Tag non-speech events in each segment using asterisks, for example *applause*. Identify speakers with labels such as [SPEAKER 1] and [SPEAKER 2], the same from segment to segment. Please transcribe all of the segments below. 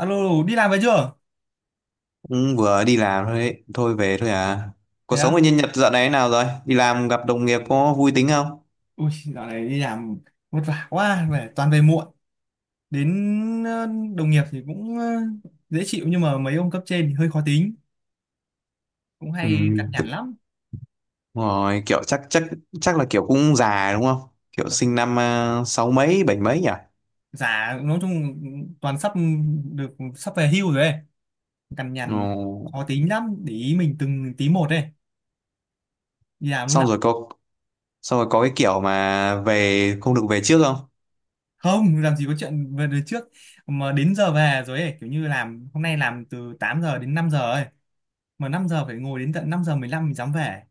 [SPEAKER 1] Alo, đi làm về chưa?
[SPEAKER 2] Ừ, vừa đi làm thôi ấy. Thôi về thôi à. Cuộc
[SPEAKER 1] Thế
[SPEAKER 2] sống ở
[SPEAKER 1] á?
[SPEAKER 2] nhân Nhật dạo này thế nào rồi? Đi làm gặp đồng nghiệp có vui tính không?
[SPEAKER 1] Ui, dạo này đi làm vất vả quá, về toàn về muộn. Đến đồng nghiệp thì cũng dễ chịu nhưng mà mấy ông cấp trên thì hơi khó tính, cũng
[SPEAKER 2] Ừ,
[SPEAKER 1] hay cằn nhằn
[SPEAKER 2] thực-
[SPEAKER 1] lắm.
[SPEAKER 2] rồi kiểu chắc chắc chắc là kiểu cũng già đúng không? Kiểu sinh
[SPEAKER 1] Ừ.
[SPEAKER 2] năm à, sáu mấy bảy mấy nhỉ?
[SPEAKER 1] Già nói chung toàn sắp được sắp về hưu rồi ấy, cằn
[SPEAKER 2] Ừ.
[SPEAKER 1] nhằn khó tính lắm, để ý mình từng tí một ấy. Đi làm lúc
[SPEAKER 2] Xong
[SPEAKER 1] nào
[SPEAKER 2] rồi có xong rồi có cái kiểu mà về không được về trước không?
[SPEAKER 1] không, làm gì có chuyện về đời trước mà đến giờ về rồi ấy, kiểu như làm hôm nay làm từ 8 giờ đến 5 giờ ấy, mà 5 giờ phải ngồi đến tận 5 giờ 15 mình dám về.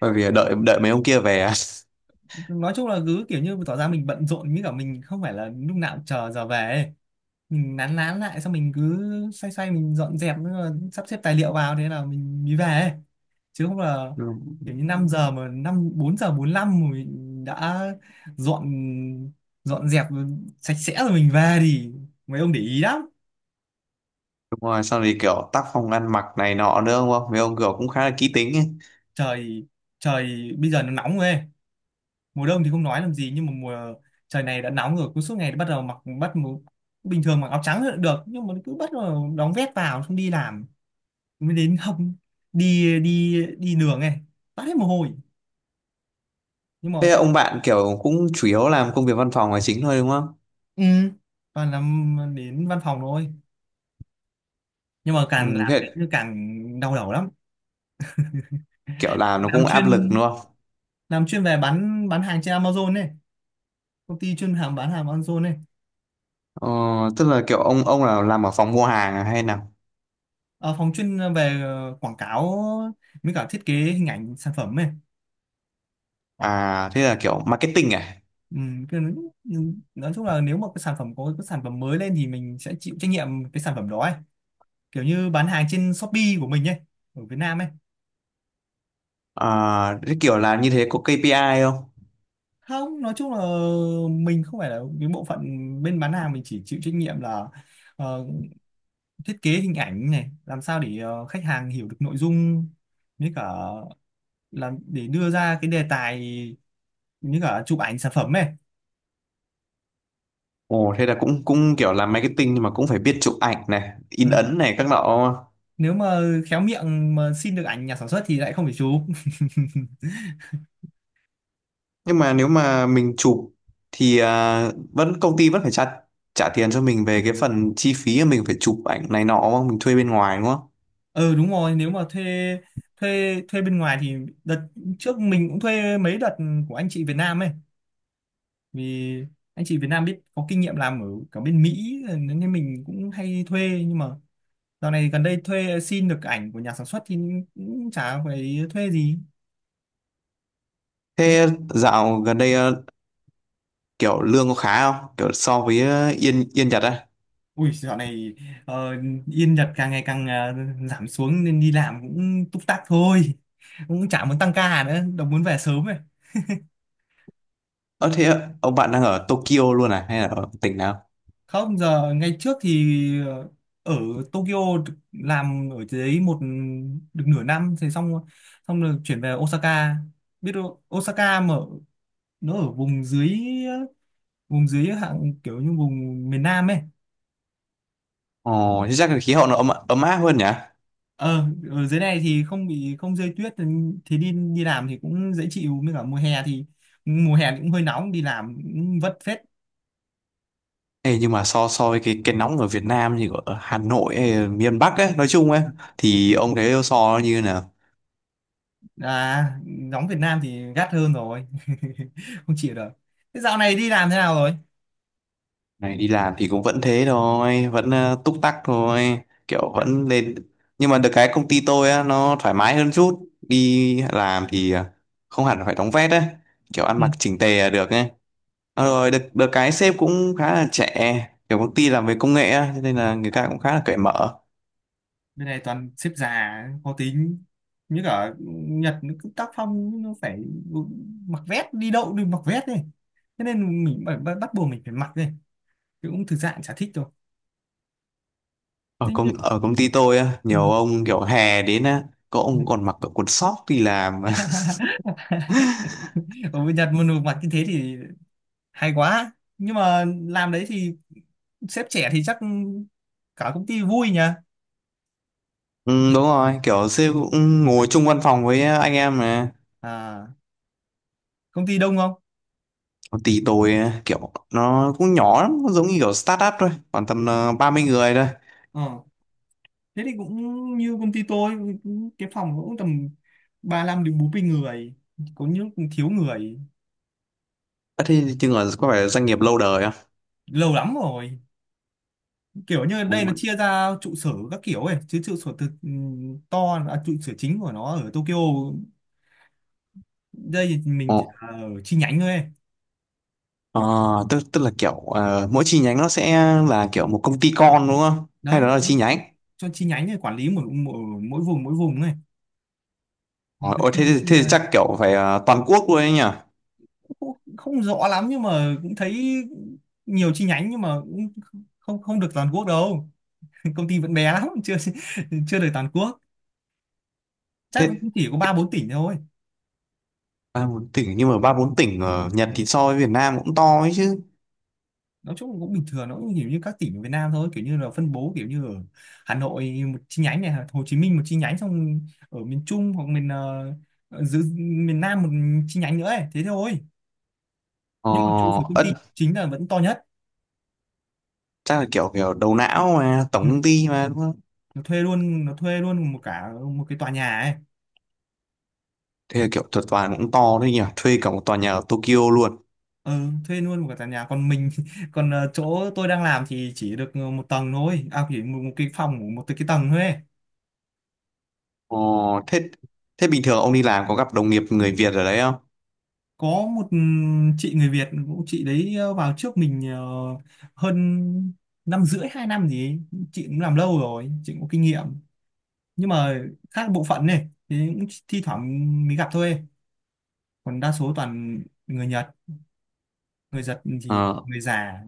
[SPEAKER 2] Bởi vì đợi đợi mấy ông kia về à? *laughs*
[SPEAKER 1] Nói chung là cứ kiểu như tỏ ra mình bận rộn với cả mình không phải là lúc nào cũng chờ giờ về ấy. Mình nán nán lại xong mình cứ xoay xoay mình dọn dẹp nữa, sắp xếp tài liệu vào thế là mình mới về ấy. Chứ không là
[SPEAKER 2] Ừ.
[SPEAKER 1] kiểu như 5 giờ mà năm 4 giờ 45 mà mình đã dọn dọn dẹp sạch sẽ rồi mình về thì mấy ông để ý lắm.
[SPEAKER 2] Đúng rồi, xong thì kiểu tác phong ăn mặc này nọ nữa đúng không? Mấy ông kiểu cũng khá là kỹ tính ấy.
[SPEAKER 1] Trời trời bây giờ nó nóng rồi ấy. Mùa đông thì không nói làm gì nhưng mà mùa trời này đã nóng rồi cứ suốt ngày bắt đầu mặc bình thường mặc áo trắng là được nhưng mà cứ bắt đầu đóng vét vào xong đi làm mới đến không đi đi đi đường này toát hết mồ hôi nhưng mà
[SPEAKER 2] Thế là
[SPEAKER 1] các
[SPEAKER 2] ông bạn kiểu cũng chủ yếu làm công việc văn phòng là chính thôi đúng không?
[SPEAKER 1] ừ, toàn làm đến văn phòng thôi nhưng mà càng
[SPEAKER 2] Ừ,
[SPEAKER 1] làm đến
[SPEAKER 2] thế
[SPEAKER 1] thì càng đau đầu lắm.
[SPEAKER 2] kiểu làm nó
[SPEAKER 1] làm
[SPEAKER 2] cũng áp lực đúng
[SPEAKER 1] chuyên
[SPEAKER 2] không?
[SPEAKER 1] làm chuyên về bán hàng trên Amazon này, công ty chuyên hàng bán hàng Amazon này.
[SPEAKER 2] Ờ, tức là kiểu ông là làm ở phòng mua hàng à hay nào?
[SPEAKER 1] Ờ, phòng chuyên về quảng cáo với cả thiết kế hình ảnh sản phẩm này.
[SPEAKER 2] À thế là kiểu marketing à?
[SPEAKER 1] Ừ, cái- nhưng nói chung là nếu mà cái sản phẩm có cái sản phẩm mới lên thì mình sẽ chịu trách nhiệm cái sản phẩm đó ấy, kiểu như bán hàng trên Shopee của mình ấy, ở Việt Nam ấy.
[SPEAKER 2] À thế kiểu làm như thế có KPI không?
[SPEAKER 1] Không nói chung là mình không phải là cái bộ phận bên bán hàng, mình chỉ chịu trách nhiệm là ờ, thiết kế hình ảnh này, làm sao để khách hàng hiểu được nội dung với cả làm để đưa ra cái đề tài như cả chụp ảnh sản phẩm ấy.
[SPEAKER 2] Ồ thế là cũng cũng kiểu làm marketing nhưng mà cũng phải biết chụp ảnh này, in
[SPEAKER 1] Ừ.
[SPEAKER 2] ấn này các nọ.
[SPEAKER 1] Nếu mà khéo miệng mà xin được ảnh nhà sản xuất thì lại không phải chụp.
[SPEAKER 2] Nhưng mà nếu mà mình chụp thì à, vẫn công ty vẫn phải trả trả tiền cho mình về cái phần chi phí mà mình phải chụp ảnh này nọ đúng không? Mình thuê bên ngoài đúng không?
[SPEAKER 1] Ừ đúng rồi, nếu mà thuê thuê thuê bên ngoài thì đợt trước mình cũng thuê mấy đợt của anh chị Việt Nam ấy, vì anh chị Việt Nam biết có kinh nghiệm làm ở cả bên Mỹ nên mình cũng hay thuê, nhưng mà dạo này gần đây thuê xin được ảnh của nhà sản xuất thì cũng chả phải thuê gì. Thế-
[SPEAKER 2] Thế dạo gần đây kiểu lương có khá không? Kiểu so với ờ, Yên Yên Nhật á?
[SPEAKER 1] ui dạo này ờ, yên Nhật càng ngày càng giảm xuống nên đi làm cũng túc tắc thôi, cũng chả muốn tăng ca nữa đâu, muốn về sớm ấy.
[SPEAKER 2] Ơ thế ạ, ông bạn đang ở Tokyo luôn à hay là ở tỉnh nào?
[SPEAKER 1] Không giờ ngày trước thì ờ, ở Tokyo làm ở dưới một được nửa năm thì xong, xong rồi chuyển về Osaka. Biết đâu Osaka mà nó ở vùng dưới, vùng dưới hạng kiểu như vùng miền Nam ấy.
[SPEAKER 2] Ồ, thế chắc là khí hậu nó ấm ấm áp hơn nhỉ?
[SPEAKER 1] Ờ ở dưới này thì không bị không rơi tuyết thì đi đi làm thì cũng dễ chịu, với cả mùa hè thì cũng hơi nóng, đi làm cũng vất phết.
[SPEAKER 2] Ê, nhưng mà so so với cái nóng ở Việt Nam thì ở Hà Nội hay miền Bắc ấy, nói chung ấy thì ông thấy so nó như nào?
[SPEAKER 1] À nóng Việt Nam thì gắt hơn rồi, *laughs* không chịu được. Thế dạo này đi làm thế nào rồi?
[SPEAKER 2] Này đi làm thì cũng vẫn thế thôi, vẫn ờ, túc tắc thôi, kiểu
[SPEAKER 1] À,
[SPEAKER 2] vẫn lên nhưng mà được cái công ty tôi á nó thoải mái hơn chút, đi làm thì không hẳn phải đóng vét ấy, kiểu ăn
[SPEAKER 1] ừ.
[SPEAKER 2] mặc chỉnh tề là được ấy. Ờ,
[SPEAKER 1] Ờ,
[SPEAKER 2] rồi được cái sếp cũng khá là trẻ, kiểu công ty làm về công nghệ á cho nên là người ta
[SPEAKER 1] à,
[SPEAKER 2] cũng khá là cởi mở.
[SPEAKER 1] bên này toàn xếp già khó tính, như cả Nhật nó cứ tác phong nó phải mặc vest, đi đâu đều mặc vest đi, thế nên mình phải, bắt bắt buộc mình phải mặc đi, chứ cũng thực ra cũng chả thích đâu.
[SPEAKER 2] ở
[SPEAKER 1] Thế
[SPEAKER 2] công ở công ty tôi á nhiều
[SPEAKER 1] nhưng...
[SPEAKER 2] ông kiểu hè đến á có ông còn mặc cả quần sóc đi làm.
[SPEAKER 1] *laughs*
[SPEAKER 2] *laughs*
[SPEAKER 1] ở bên Nhật mà được mặc như thế thì hay quá, nhưng mà làm đấy thì sếp trẻ thì chắc cả công ty vui nhỉ.
[SPEAKER 2] Ừ, đúng rồi, kiểu sếp cũng ngồi chung văn phòng với anh em mà.
[SPEAKER 1] À công ty đông không?
[SPEAKER 2] Công ty tôi á, kiểu nó cũng nhỏ lắm, nó giống như kiểu startup thôi, khoảng tầm 30 người thôi.
[SPEAKER 1] Thế thì cũng như công ty tôi, cái phòng cũng tầm 35 đến 40 người, có những cũng thiếu người.
[SPEAKER 2] Ờ, thế chừng là có phải là doanh nghiệp lâu đời
[SPEAKER 1] Lâu lắm rồi, kiểu như đây nó
[SPEAKER 2] không?
[SPEAKER 1] chia ra trụ sở các kiểu ấy, chứ trụ sở thực ừ, to à, trụ sở chính của nó ở Tokyo, đây thì mình chỉ
[SPEAKER 2] Ồ,
[SPEAKER 1] là ở chi nhánh thôi ấy.
[SPEAKER 2] ờ, tức tức
[SPEAKER 1] Ừ.
[SPEAKER 2] là kiểu ờ, mỗi chi nhánh nó sẽ là kiểu một công ty con đúng không? Hay
[SPEAKER 1] Đấy
[SPEAKER 2] đó là chi nhánh?
[SPEAKER 1] cho chi nhánh này quản lý mỗi mỗi, mỗi vùng, mỗi vùng này
[SPEAKER 2] Ờ,
[SPEAKER 1] nó cứ
[SPEAKER 2] ôi,
[SPEAKER 1] chia
[SPEAKER 2] thế
[SPEAKER 1] chia
[SPEAKER 2] thì
[SPEAKER 1] ra,
[SPEAKER 2] chắc kiểu phải ờ, toàn quốc luôn ấy nhỉ?
[SPEAKER 1] không, không rõ lắm nhưng mà cũng thấy nhiều chi nhánh, nhưng mà cũng không, không được toàn quốc đâu. *laughs* Công ty vẫn bé lắm, chưa chưa được toàn quốc, chắc nó
[SPEAKER 2] Thế
[SPEAKER 1] cũng chỉ có ba bốn tỉnh thôi.
[SPEAKER 2] ba bốn tỉnh, nhưng mà ba bốn tỉnh ở Nhật thì so với Việt Nam cũng to ấy chứ.
[SPEAKER 1] Nói chung cũng bình thường, nó cũng kiểu như các tỉnh ở Việt Nam thôi, kiểu như là phân bố kiểu như ở Hà Nội một chi nhánh này, Hồ Chí Minh một chi nhánh, xong ở miền Trung hoặc miền giữa miền Nam một chi nhánh nữa ấy. Thế thôi.
[SPEAKER 2] Ờ,
[SPEAKER 1] Nhưng mà trụ sở công
[SPEAKER 2] ất,
[SPEAKER 1] ty chính là vẫn to nhất.
[SPEAKER 2] chắc là kiểu kiểu đầu não mà
[SPEAKER 1] Ừ.
[SPEAKER 2] tổng công ty mà đúng không?
[SPEAKER 1] Nó thuê luôn, nó thuê luôn một cả một cái tòa nhà ấy.
[SPEAKER 2] Thế là kiểu thuật toàn cũng to đấy nhỉ? Thuê cả một tòa nhà ở Tokyo luôn.
[SPEAKER 1] Ừ, thuê luôn một cái tòa nhà, còn mình *laughs* còn chỗ tôi đang làm thì chỉ được một tầng thôi à, chỉ một, một cái phòng của một cái tầng thôi ấy.
[SPEAKER 2] Ờ, thế thế bình thường ông đi làm có gặp đồng nghiệp người Việt ở đấy không?
[SPEAKER 1] Có một ừ, chị người Việt cũng, chị đấy vào trước mình hơn năm rưỡi hai năm gì ấy. Chị cũng làm lâu rồi, chị cũng có kinh nghiệm, nhưng mà khác bộ phận này thì cũng thi thoảng mới gặp thôi, còn đa số toàn người Nhật, người Nhật thì
[SPEAKER 2] Ờ,
[SPEAKER 1] người già.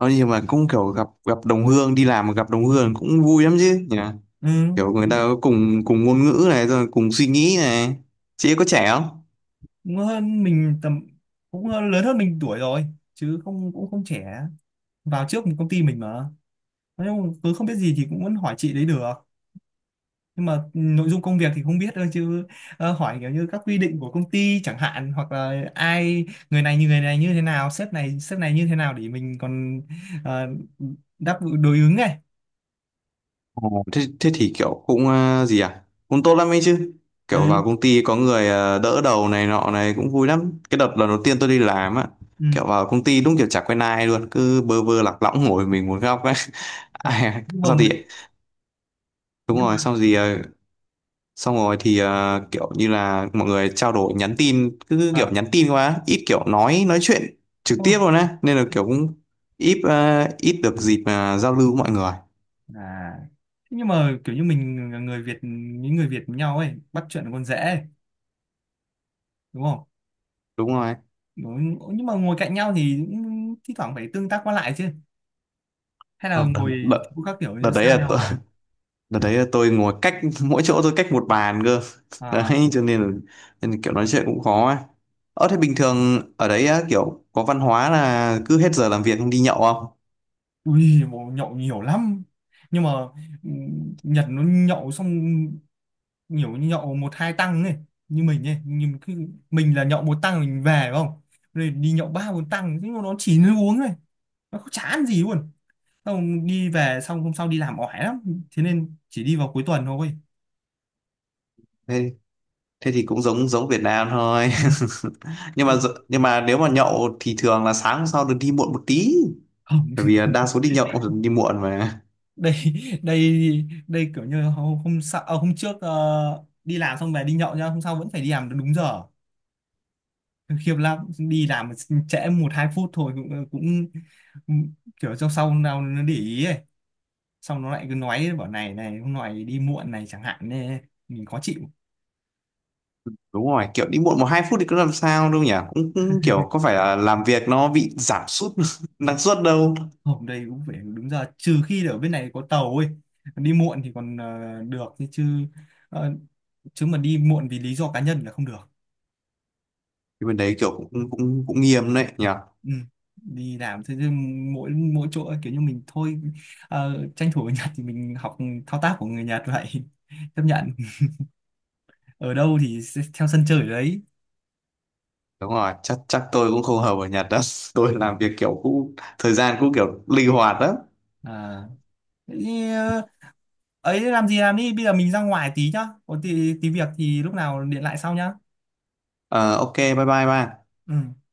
[SPEAKER 2] nói nhưng mà cũng kiểu gặp gặp đồng hương, đi làm mà gặp đồng hương cũng vui lắm chứ nhỉ?
[SPEAKER 1] Ừ,
[SPEAKER 2] Kiểu người ta có cùng cùng ngôn ngữ này, rồi cùng suy nghĩ này. Chị ấy có trẻ không?
[SPEAKER 1] cũng hơn mình tầm cũng lớn hơn mình tuổi rồi, chứ không cũng không trẻ, vào trước một công ty mình mà, nhưng cứ không biết gì thì cũng vẫn hỏi chị đấy được. Nhưng mà nội dung công việc thì không biết thôi, chứ hỏi kiểu như các quy định của công ty chẳng hạn, hoặc là ai người này như thế nào, sếp này như thế nào, để mình còn ờ, đáp đối ứng này.
[SPEAKER 2] Ồ, thế thế thì kiểu cũng ờ, gì à, cũng tốt lắm ấy chứ. Kiểu vào
[SPEAKER 1] Ừ,
[SPEAKER 2] công ty có người ờ, đỡ đầu này nọ này cũng vui lắm. Cái đợt lần đầu tiên tôi đi làm á,
[SPEAKER 1] ừ.
[SPEAKER 2] kiểu vào công ty đúng kiểu chả quen ai luôn, cứ bơ vơ lạc lõng ngồi mình một góc ấy. *laughs* Ai-
[SPEAKER 1] Nhưng mà
[SPEAKER 2] sao thì đúng
[SPEAKER 1] nhưng mà
[SPEAKER 2] rồi, xong gì ờ, xong rồi thì ờ, kiểu như là mọi người trao đổi nhắn tin, cứ kiểu
[SPEAKER 1] à,
[SPEAKER 2] nhắn tin quá ít, kiểu nói chuyện trực
[SPEAKER 1] thôi.
[SPEAKER 2] tiếp luôn á nên là kiểu cũng ít ờ, ít được dịp mà giao lưu với mọi người.
[SPEAKER 1] À. Thế nhưng mà kiểu như mình là người Việt, những người Việt với nhau ấy, bắt chuyện còn dễ ấy, đúng không?
[SPEAKER 2] Đúng rồi,
[SPEAKER 1] Đúng. Nhưng mà ngồi cạnh nhau thì cũng thi thoảng phải tương tác qua lại chứ, hay là
[SPEAKER 2] không, đợt,
[SPEAKER 1] ngồi
[SPEAKER 2] đợt,
[SPEAKER 1] chỗ các kiểu
[SPEAKER 2] đợt
[SPEAKER 1] như
[SPEAKER 2] đấy
[SPEAKER 1] xa
[SPEAKER 2] là tôi-
[SPEAKER 1] nhau?
[SPEAKER 2] *laughs* đợt đấy là tôi ngồi cách, mỗi chỗ tôi cách một bàn cơ. *laughs*
[SPEAKER 1] À?
[SPEAKER 2] Đấy cho nên là kiểu nói chuyện cũng khó á. Ờ thế bình thường ở đấy á, kiểu có văn hóa là cứ hết giờ làm việc không, đi nhậu không?
[SPEAKER 1] Ui, bố nhậu nhiều lắm. Nhưng mà ừ, Nhật nó nhậu xong nhiều, nhậu một hai tăng này, như mình ấy, nhưng cứ mình là nhậu một tăng mình về phải không? Rồi đi nhậu ba bốn tăng, nhưng mà nó chỉ nó uống này. Nó không chả ăn gì luôn. Xong đi về xong hôm sau đi làm oải lắm. Thế nên chỉ đi vào cuối tuần thôi.
[SPEAKER 2] Thế thế thì cũng giống giống Việt Nam thôi.
[SPEAKER 1] Ừ.
[SPEAKER 2] *laughs* Nhưng mà nhưng mà nếu mà nhậu thì thường là sáng hôm sau được đi muộn một tí,
[SPEAKER 1] Không.
[SPEAKER 2] bởi vì là đa
[SPEAKER 1] *laughs*
[SPEAKER 2] số đi nhậu đi muộn mà.
[SPEAKER 1] Đây đây đây kiểu như hôm hôm, sau, à, hôm trước ờ, đi làm xong về đi nhậu nhá, hôm sau vẫn phải đi làm đúng giờ. Khiếp lắm, đi làm trễ một hai phút thôi cũng, cũng kiểu trong sau nào nó để ý ấy, xong nó lại cứ nói bảo này này hôm nay đi muộn này chẳng hạn, nên mình khó chịu.
[SPEAKER 2] Đúng rồi, kiểu đi muộn 1 2 phút thì cũng làm sao đâu nhỉ, cũng, cũng kiểu có
[SPEAKER 1] *laughs*
[SPEAKER 2] phải là làm việc nó bị giảm sút *laughs* năng suất đâu.
[SPEAKER 1] Hôm đây cũng phải đúng giờ, trừ khi ở bên này có tàu ấy, đi muộn thì còn được chứ, ờ, chứ mà đi muộn vì lý do cá nhân là không được.
[SPEAKER 2] Thì bên đấy kiểu cũng cũng cũng nghiêm đấy nhỉ.
[SPEAKER 1] Ừ. Đi làm thế chứ, mỗi mỗi chỗ ấy, kiểu như mình thôi, ờ, tranh thủ ở Nhật thì mình học thao tác của người Nhật vậy, *laughs* chấp nhận ở đâu thì sẽ theo sân chơi ở đấy.
[SPEAKER 2] Đúng rồi, chắc chắc tôi cũng không hợp ở Nhật đó. *laughs* Tôi làm việc kiểu cũng thời gian cũng kiểu linh hoạt đó.
[SPEAKER 1] À thế thì, ờ, ấy làm gì làm đi, bây giờ mình ra ngoài tí nhá, có tí, tí việc thì lúc nào điện lại sau nhá.
[SPEAKER 2] Ờ, ok bye bye ba.
[SPEAKER 1] Ừ.